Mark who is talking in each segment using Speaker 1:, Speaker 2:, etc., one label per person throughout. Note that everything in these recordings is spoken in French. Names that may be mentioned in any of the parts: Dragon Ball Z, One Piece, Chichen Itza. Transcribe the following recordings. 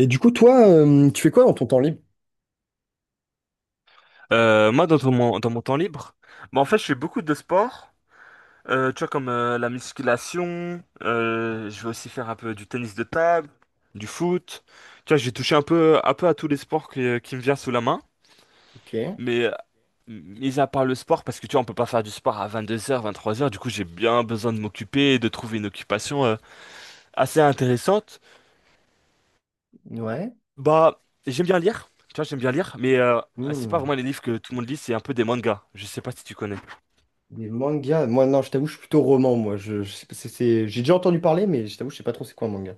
Speaker 1: Et du coup, toi, tu fais quoi dans ton temps libre?
Speaker 2: Moi, mon, dans mon temps libre, en fait, je fais beaucoup de sport, tu vois, comme la musculation, je vais aussi faire un peu du tennis de table, du foot. Tu vois, j'ai touché un peu à tous les sports qui me viennent sous la main,
Speaker 1: Ok,
Speaker 2: mais mis à part le sport, parce que tu vois, on peut pas faire du sport à vingt-deux heures vingt-trois heures du coup, j'ai bien besoin de m'occuper et de trouver une occupation assez intéressante.
Speaker 1: ouais.
Speaker 2: Bah, j'aime bien lire, tu vois, j'aime bien lire, mais c'est pas
Speaker 1: Hmm.
Speaker 2: vraiment les livres que tout le monde lit, c'est un peu des mangas. Je sais pas si tu connais.
Speaker 1: Des mangas. Moi, non, je t'avoue, je suis plutôt roman, moi. Je sais pas, j'ai déjà entendu parler, mais je t'avoue, je sais pas trop c'est quoi un manga.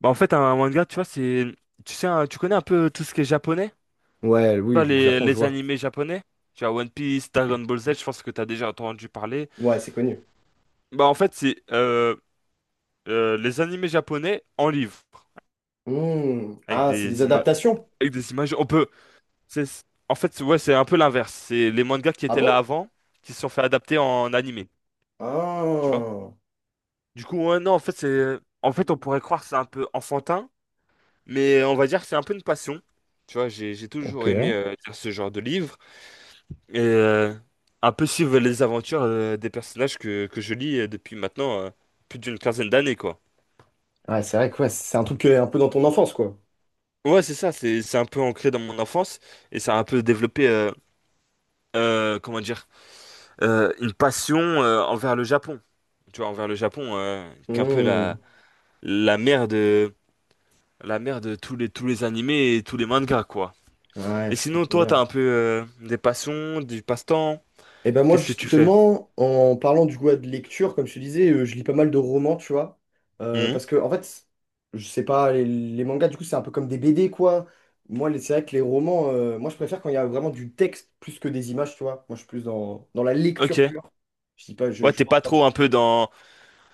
Speaker 2: Bah, en fait, un manga, tu vois, c'est. Tu sais, tu connais un peu tout ce qui est japonais? Tu
Speaker 1: Ouais,
Speaker 2: vois,
Speaker 1: oui, le Japon, je
Speaker 2: les
Speaker 1: vois.
Speaker 2: animés japonais? Tu vois, One Piece, Dragon Ball Z, je pense que t'as déjà entendu parler.
Speaker 1: Ouais, c'est connu.
Speaker 2: Bah, en fait, c'est les animés japonais en livre,
Speaker 1: Hmm.
Speaker 2: avec
Speaker 1: Ah, c'est des
Speaker 2: des images.
Speaker 1: adaptations.
Speaker 2: Avec des images. On peut. En fait, ouais, c'est un peu l'inverse. C'est les mangas qui
Speaker 1: Ah
Speaker 2: étaient là
Speaker 1: bon?
Speaker 2: avant, qui se sont fait adapter en animé. Tu vois?
Speaker 1: Ah.
Speaker 2: Du coup, ouais, non, en fait, c'est. En fait, on pourrait croire que c'est un peu enfantin, mais on va dire que c'est un peu une passion. Tu vois, j'ai
Speaker 1: Ok.
Speaker 2: toujours aimé
Speaker 1: Ouais,
Speaker 2: lire ce genre de livre. Et un peu suivre les aventures des personnages que je lis depuis maintenant plus d'une quinzaine d'années, quoi.
Speaker 1: c'est vrai que ouais, c'est un truc un peu dans ton enfance, quoi.
Speaker 2: Ouais, c'est ça, c'est un peu ancré dans mon enfance et ça a un peu développé, comment dire, une passion envers le Japon. Tu vois, envers le Japon, qui est un peu la,
Speaker 1: Hmm.
Speaker 2: la mère de, la mère de tous les animés et tous les mangas, quoi.
Speaker 1: Ouais,
Speaker 2: Et
Speaker 1: je
Speaker 2: sinon,
Speaker 1: comprends
Speaker 2: toi, t'as
Speaker 1: bien.
Speaker 2: un peu des passions, du passe-temps,
Speaker 1: Et ben moi
Speaker 2: qu'est-ce que tu fais?
Speaker 1: justement, en parlant du goût de lecture, comme je te disais, je lis pas mal de romans, tu vois.
Speaker 2: Mhm.
Speaker 1: Parce que en fait, je sais pas, les mangas, du coup, c'est un peu comme des BD, quoi. Moi, c'est vrai que les romans, moi je préfère quand il y a vraiment du texte plus que des images, tu vois. Moi je suis plus dans la lecture
Speaker 2: Ok.
Speaker 1: pure. Je dis pas, je,
Speaker 2: Ouais,
Speaker 1: je suis
Speaker 2: t'es
Speaker 1: pas en
Speaker 2: pas
Speaker 1: train de-
Speaker 2: trop un peu dans,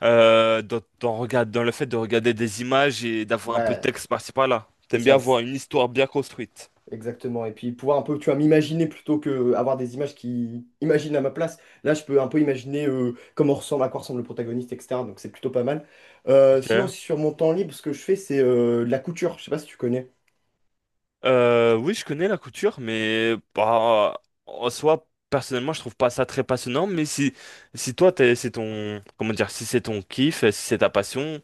Speaker 2: Dans, dans le fait de regarder des images et d'avoir un peu de
Speaker 1: Ouais,
Speaker 2: texte par-ci par-là.
Speaker 1: c'est
Speaker 2: T'aimes bien
Speaker 1: ça.
Speaker 2: avoir une histoire bien construite.
Speaker 1: Exactement. Et puis pouvoir un peu, tu vois, m'imaginer plutôt que avoir des images qui imaginent à ma place. Là, je peux un peu imaginer à quoi ressemble le protagoniste, etc. Donc c'est plutôt pas mal. Sinon,
Speaker 2: Ok.
Speaker 1: sur mon temps libre, ce que je fais, c'est de la couture. Je sais pas si tu connais.
Speaker 2: Oui, je connais la couture, mais bah, en soi, personnellement, je trouve pas ça très passionnant. Mais si, c'est ton, comment dire, si c'est ton kiff, si c'est ta passion,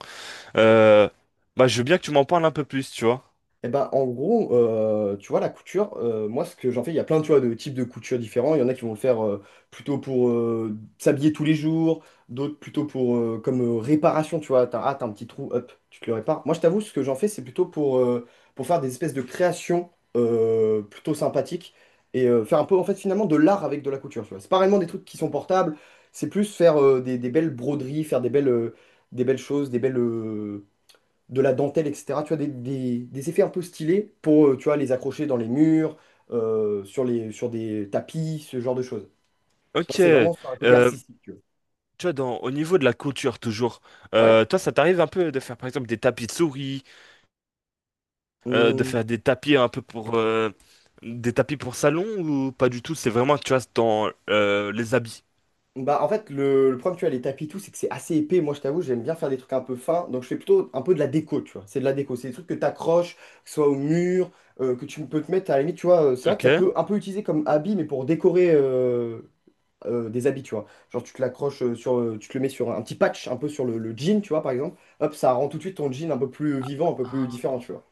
Speaker 2: euh, bah, je veux bien que tu m'en parles un peu plus, tu vois.
Speaker 1: Eh ben, en gros, tu vois, la couture, moi, ce que j'en fais, il y a plein, tu vois, de types de couture différents. Il y en a qui vont le faire plutôt pour s'habiller tous les jours, d'autres plutôt pour comme réparation, tu vois. T'as un petit trou, hop, tu te le répares. Moi, je t'avoue, ce que j'en fais, c'est plutôt pour faire des espèces de créations plutôt sympathiques et faire un peu, en fait, finalement, de l'art avec de la couture, tu vois. C'est pas réellement des trucs qui sont portables, c'est plus faire des belles broderies, faire des belles choses, de la dentelle, etc. Tu vois, des effets un peu stylés pour, tu vois, les accrocher dans les murs, sur des tapis, ce genre de choses. Moi,
Speaker 2: Ok.
Speaker 1: c'est vraiment sur un côté artistique, tu vois.
Speaker 2: Tu vois, dans, au niveau de la couture, toujours,
Speaker 1: Ouais.
Speaker 2: toi, ça t'arrive un peu de faire, par exemple, des tapis de souris de faire
Speaker 1: Hum,
Speaker 2: des tapis un peu pour des tapis pour salon ou pas du tout? C'est vraiment, tu vois, c'est dans les habits.
Speaker 1: Bah, en fait, le problème, tu vois, les tapis, et tout, c'est que c'est assez épais. Moi, je t'avoue, j'aime bien faire des trucs un peu fins. Donc, je fais plutôt un peu de la déco, tu vois. C'est de la déco. C'est des trucs que tu accroches, que ce soit au mur, que tu peux te mettre à la limite, tu vois. C'est vrai que
Speaker 2: Ok.
Speaker 1: ça peut un peu utiliser comme habit, mais pour décorer des habits, tu vois. Genre, tu te l'accroches tu te le mets sur un petit patch, un peu sur le jean, tu vois, par exemple. Hop, ça rend tout de suite ton jean un peu plus vivant, un peu plus
Speaker 2: Ah.
Speaker 1: différent, tu vois.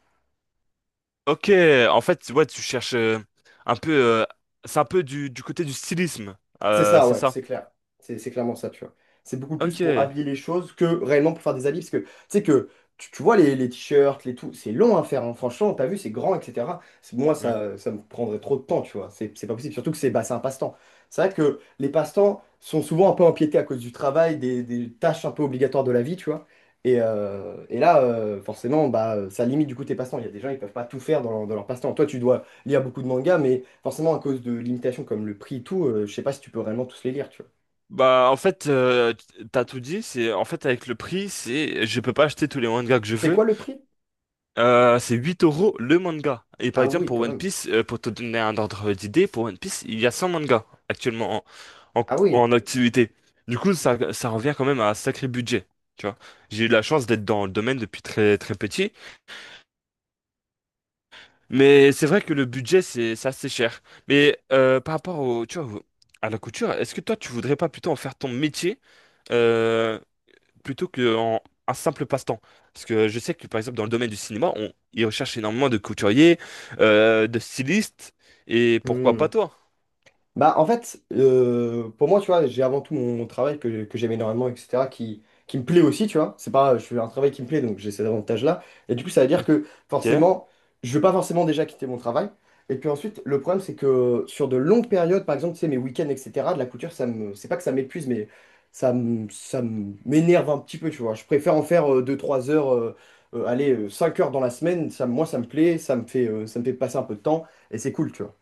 Speaker 2: Ok. En fait, ouais, tu cherches un peu. C'est un peu du côté du stylisme.
Speaker 1: C'est ça,
Speaker 2: C'est
Speaker 1: ouais,
Speaker 2: ça.
Speaker 1: c'est clair. C'est clairement ça, tu vois. C'est beaucoup plus pour
Speaker 2: Ok.
Speaker 1: habiller les choses que réellement pour faire des habits. Parce que tu sais que tu vois les t-shirts, les tout, c'est long à faire. Hein. Franchement, t'as vu, c'est grand, etc. Moi,
Speaker 2: Hmm.
Speaker 1: ça me prendrait trop de temps, tu vois. C'est pas possible. Surtout que c'est un passe-temps. C'est vrai que les passe-temps sont souvent un peu empiétés à cause du travail, des tâches un peu obligatoires de la vie, tu vois. Et là, forcément, bah, ça limite du coup tes passe-temps. Il y a des gens, ils peuvent pas tout faire dans leur passe-temps. Toi, tu dois lire beaucoup de mangas, mais forcément à cause de limitations comme le prix et tout, je sais pas si tu peux réellement tous les lire, tu vois.
Speaker 2: Bah, en fait, t'as tout dit. C'est en fait avec le prix, c'est je peux pas acheter tous les mangas que je
Speaker 1: C'est
Speaker 2: veux.
Speaker 1: quoi le prix?
Speaker 2: C'est 8 euros le manga. Et par
Speaker 1: Ah
Speaker 2: exemple,
Speaker 1: oui,
Speaker 2: pour
Speaker 1: quand
Speaker 2: One
Speaker 1: même.
Speaker 2: Piece, pour te donner un ordre d'idée, pour One Piece, il y a 100 mangas actuellement en,
Speaker 1: Ah oui.
Speaker 2: en activité. Du coup, ça revient quand même à un sacré budget. Tu vois, j'ai eu la chance d'être dans le domaine depuis très très petit, mais c'est vrai que le budget c'est assez cher. Mais par rapport au, tu vois, à la couture, est-ce que toi tu voudrais pas plutôt en faire ton métier? euh, plutôt qu'en un simple passe-temps. Parce que je sais que, par exemple, dans le domaine du cinéma, on, ils recherchent énormément de couturiers, de stylistes, et pourquoi pas
Speaker 1: Hmm.
Speaker 2: toi?
Speaker 1: Bah, en fait, pour moi, tu vois, j'ai avant tout mon travail que j'aime énormément, etc., qui me plaît aussi, tu vois. C'est pas, je fais un travail qui me plaît, donc j'ai cet avantage-là. Et du coup, ça veut dire que
Speaker 2: Ok.
Speaker 1: forcément, je veux pas forcément déjà quitter mon travail. Et puis ensuite, le problème, c'est que sur de longues périodes, par exemple, tu sais, mes week-ends, etc., de la couture, c'est pas que ça m'épuise, mais m'énerve un petit peu, tu vois. Je préfère en faire deux trois heures, allez, 5 heures dans la semaine. Ça, moi, ça me plaît, ça me fait, passer un peu de temps, et c'est cool, tu vois.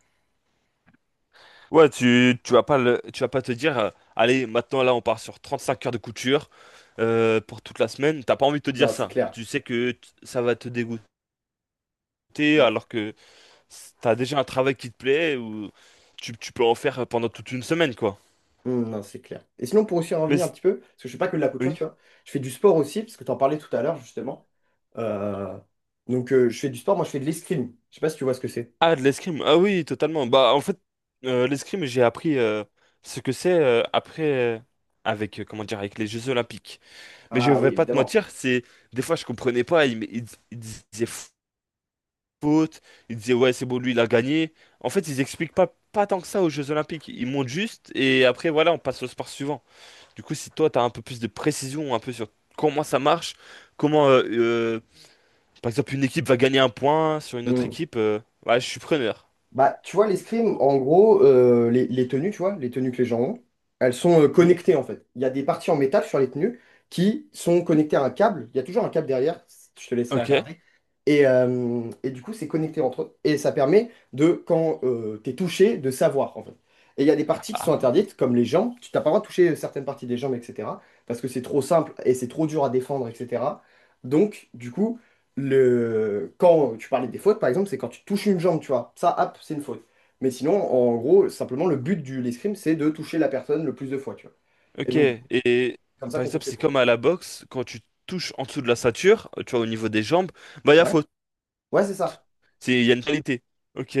Speaker 2: Ouais, tu vas pas tu vas pas te dire, allez, maintenant là, on part sur 35 heures de couture pour toute la semaine. T'as pas envie de te dire
Speaker 1: Non, c'est
Speaker 2: ça.
Speaker 1: clair.
Speaker 2: Tu sais que ça va te dégoûter alors que t'as déjà un travail qui te plaît ou tu peux en faire pendant toute une semaine, quoi.
Speaker 1: Non, c'est clair. Et sinon, pour aussi en
Speaker 2: Mais
Speaker 1: revenir un
Speaker 2: c-
Speaker 1: petit peu, parce que je fais pas que de la couture,
Speaker 2: oui.
Speaker 1: tu vois, je fais du sport aussi, parce que tu en parlais tout à l'heure, justement. Euh, donc, je fais du sport, moi, je fais de l'escrime. Je sais pas si tu vois ce que c'est.
Speaker 2: Ah, de l'escrime. Ah oui, totalement. Bah, en fait, l'escrime, j'ai appris ce que c'est après, avec, comment dire, avec les Jeux Olympiques. Mais je
Speaker 1: Ah
Speaker 2: vais
Speaker 1: oui,
Speaker 2: pas te
Speaker 1: évidemment.
Speaker 2: mentir, c'est des fois, je comprenais pas. Ils disaient faute, ils disaient, ouais, c'est bon, lui, il a gagné. En fait, ils expliquent pas, pas tant que ça aux Jeux Olympiques. Ils montent juste et après, voilà, on passe au sport suivant. Du coup, si toi, tu as un peu plus de précision, un peu sur comment ça marche, comment, par exemple, une équipe va gagner un point sur une autre équipe, ouais, je suis preneur.
Speaker 1: Bah, tu vois, l'escrime, en gros, les tenues, tu vois, les tenues que les gens ont, elles sont
Speaker 2: Mhm.
Speaker 1: connectées en fait. Il y a des parties en métal sur les tenues qui sont connectées à un câble. Il y a toujours un câble derrière, je te laisserai
Speaker 2: Ok.
Speaker 1: regarder. Et du coup, c'est connecté entre eux. Et ça permet de, quand t'es touché, de savoir en fait. Et il y a des parties qui sont
Speaker 2: Ah,
Speaker 1: interdites, comme les jambes. Tu t'as pas le droit de toucher certaines parties des jambes, etc. Parce que c'est trop simple et c'est trop dur à défendre, etc. Donc, du coup. Quand tu parlais des fautes, par exemple, c'est quand tu touches une jambe, tu vois. Ça, hop, c'est une faute. Mais sinon, en gros, simplement, le but de l'escrime, c'est de toucher la personne le plus de fois, tu vois. Et
Speaker 2: ok.
Speaker 1: donc, du coup,
Speaker 2: Et
Speaker 1: c'est comme ça
Speaker 2: par
Speaker 1: qu'on
Speaker 2: exemple,
Speaker 1: compte les
Speaker 2: c'est
Speaker 1: points.
Speaker 2: comme à la boxe, quand tu touches en dessous de la ceinture, tu vois, au niveau des jambes, bah, il y a
Speaker 1: Ouais,
Speaker 2: faute.
Speaker 1: ouais, c'est ça.
Speaker 2: C'est, il y a une qualité. Ok.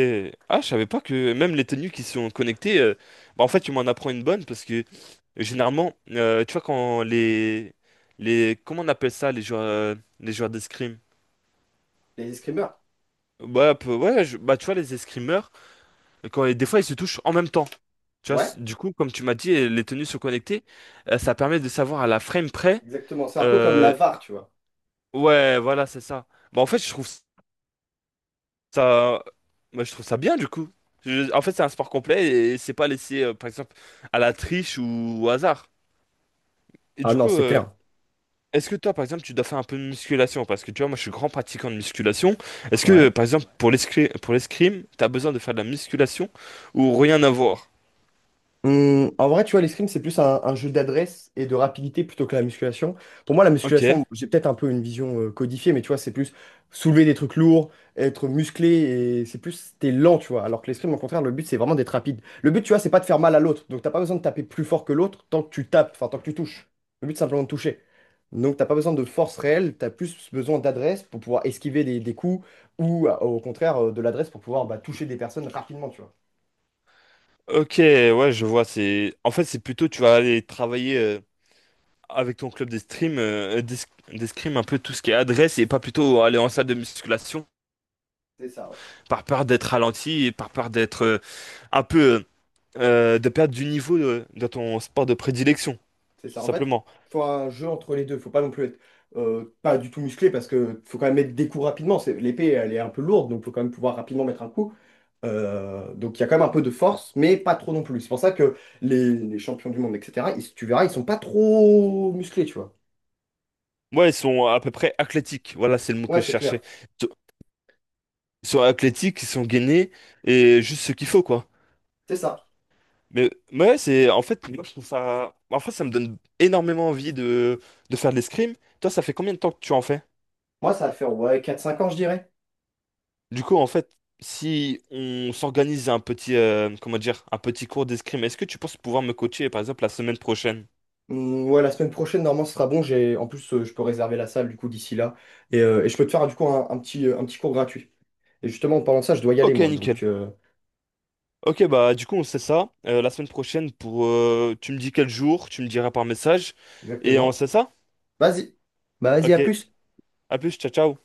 Speaker 2: Ah, je savais pas que même les tenues qui sont connectées, bah, en fait, tu m'en apprends une bonne parce que généralement, tu vois, quand les, comment on appelle ça, les joueurs d'escrime?
Speaker 1: Les escrimeurs.
Speaker 2: Ouais, bah, tu vois, les escrimeurs, quand, des fois, ils se touchent en même temps. Tu vois,
Speaker 1: Ouais,
Speaker 2: du coup, comme tu m'as dit, les tenues sont connectées, ça permet de savoir à la frame près.
Speaker 1: exactement. C'est un peu comme la
Speaker 2: Euh,
Speaker 1: VAR, tu vois.
Speaker 2: ouais, voilà, c'est ça. Bah, en fait, je trouve ça, moi, je trouve ça bien du coup. En fait, c'est un sport complet et c'est pas laissé, par exemple, à la triche ou au hasard. Et
Speaker 1: Ah
Speaker 2: du
Speaker 1: non,
Speaker 2: coup,
Speaker 1: c'est clair.
Speaker 2: est-ce que toi, par exemple, tu dois faire un peu de musculation? Parce que tu vois, moi, je suis grand pratiquant de musculation. Est-ce que,
Speaker 1: Ouais.
Speaker 2: par exemple, pour l'escrime, t'as besoin de faire de la musculation ou rien à voir?
Speaker 1: En vrai, tu vois, l'escrime, c'est plus un jeu d'adresse et de rapidité plutôt que la musculation. Pour moi, la
Speaker 2: Ok.
Speaker 1: musculation, j'ai peut-être un peu une vision codifiée, mais tu vois, c'est plus soulever des trucs lourds, être musclé, et c'est plus, t'es lent, tu vois. Alors que l'escrime, au contraire, le but, c'est vraiment d'être rapide. Le but, tu vois, c'est pas de faire mal à l'autre. Donc, t'as pas besoin de taper plus fort que l'autre tant que tu tapes, enfin, tant que tu touches. Le but, c'est simplement de toucher. Donc, t'as pas besoin de force réelle, t'as plus besoin d'adresse pour pouvoir esquiver des coups ou, au contraire, de l'adresse pour pouvoir bah, toucher des personnes rapidement, tu vois.
Speaker 2: Ok, ouais, je vois. C'est, en fait, c'est plutôt, tu vas aller travailler. Avec ton club d'escrime, d'escrime un peu tout ce qui est adresse et pas plutôt aller en salle de musculation
Speaker 1: C'est ça. Ouais.
Speaker 2: par peur d'être ralenti et par peur d'être un peu de perdre du niveau de ton sport de prédilection,
Speaker 1: C'est
Speaker 2: tout
Speaker 1: ça. En fait,
Speaker 2: simplement.
Speaker 1: faut un jeu entre les deux. Faut pas non plus être pas du tout musclé parce que faut quand même mettre des coups rapidement. L'épée, elle est un peu lourde, donc faut quand même pouvoir rapidement mettre un coup. Donc il y a quand même un peu de force, mais pas trop non plus. C'est pour ça que les champions du monde, etc., tu verras, ils sont pas trop musclés, tu vois.
Speaker 2: Moi, ils sont à peu près athlétiques. Voilà, c'est le mot que
Speaker 1: Ouais,
Speaker 2: je
Speaker 1: c'est clair.
Speaker 2: cherchais. Ils sont ils sont athlétiques, ils sont gainés et juste ce qu'il faut, quoi.
Speaker 1: C'est ça.
Speaker 2: Mais ouais, c'est en fait, moi je trouve ça. En fait, ça me donne énormément envie de faire de l'escrime. Toi, ça fait combien de temps que tu en fais?
Speaker 1: Moi, ça va faire ouais, quatre cinq ans, je dirais.
Speaker 2: Du coup, en fait, si on s'organise un petit, comment dire, un petit cours d'escrime, est-ce que tu penses pouvoir me coacher, par exemple, la semaine prochaine?
Speaker 1: Ouais, la semaine prochaine, normalement, ce sera bon. En plus, je peux réserver la salle, du coup, d'ici là. Et je peux te faire, du coup, un petit cours gratuit. Et justement, en parlant de ça, je dois y aller,
Speaker 2: Ok,
Speaker 1: moi.
Speaker 2: nickel. Ok, bah du coup, on sait ça. La semaine prochaine, pour, tu me dis quel jour, tu me diras par message, et on
Speaker 1: Exactement.
Speaker 2: sait ça?
Speaker 1: Vas-y. Bah vas-y, à
Speaker 2: Ok,
Speaker 1: plus.
Speaker 2: à plus, ciao, ciao.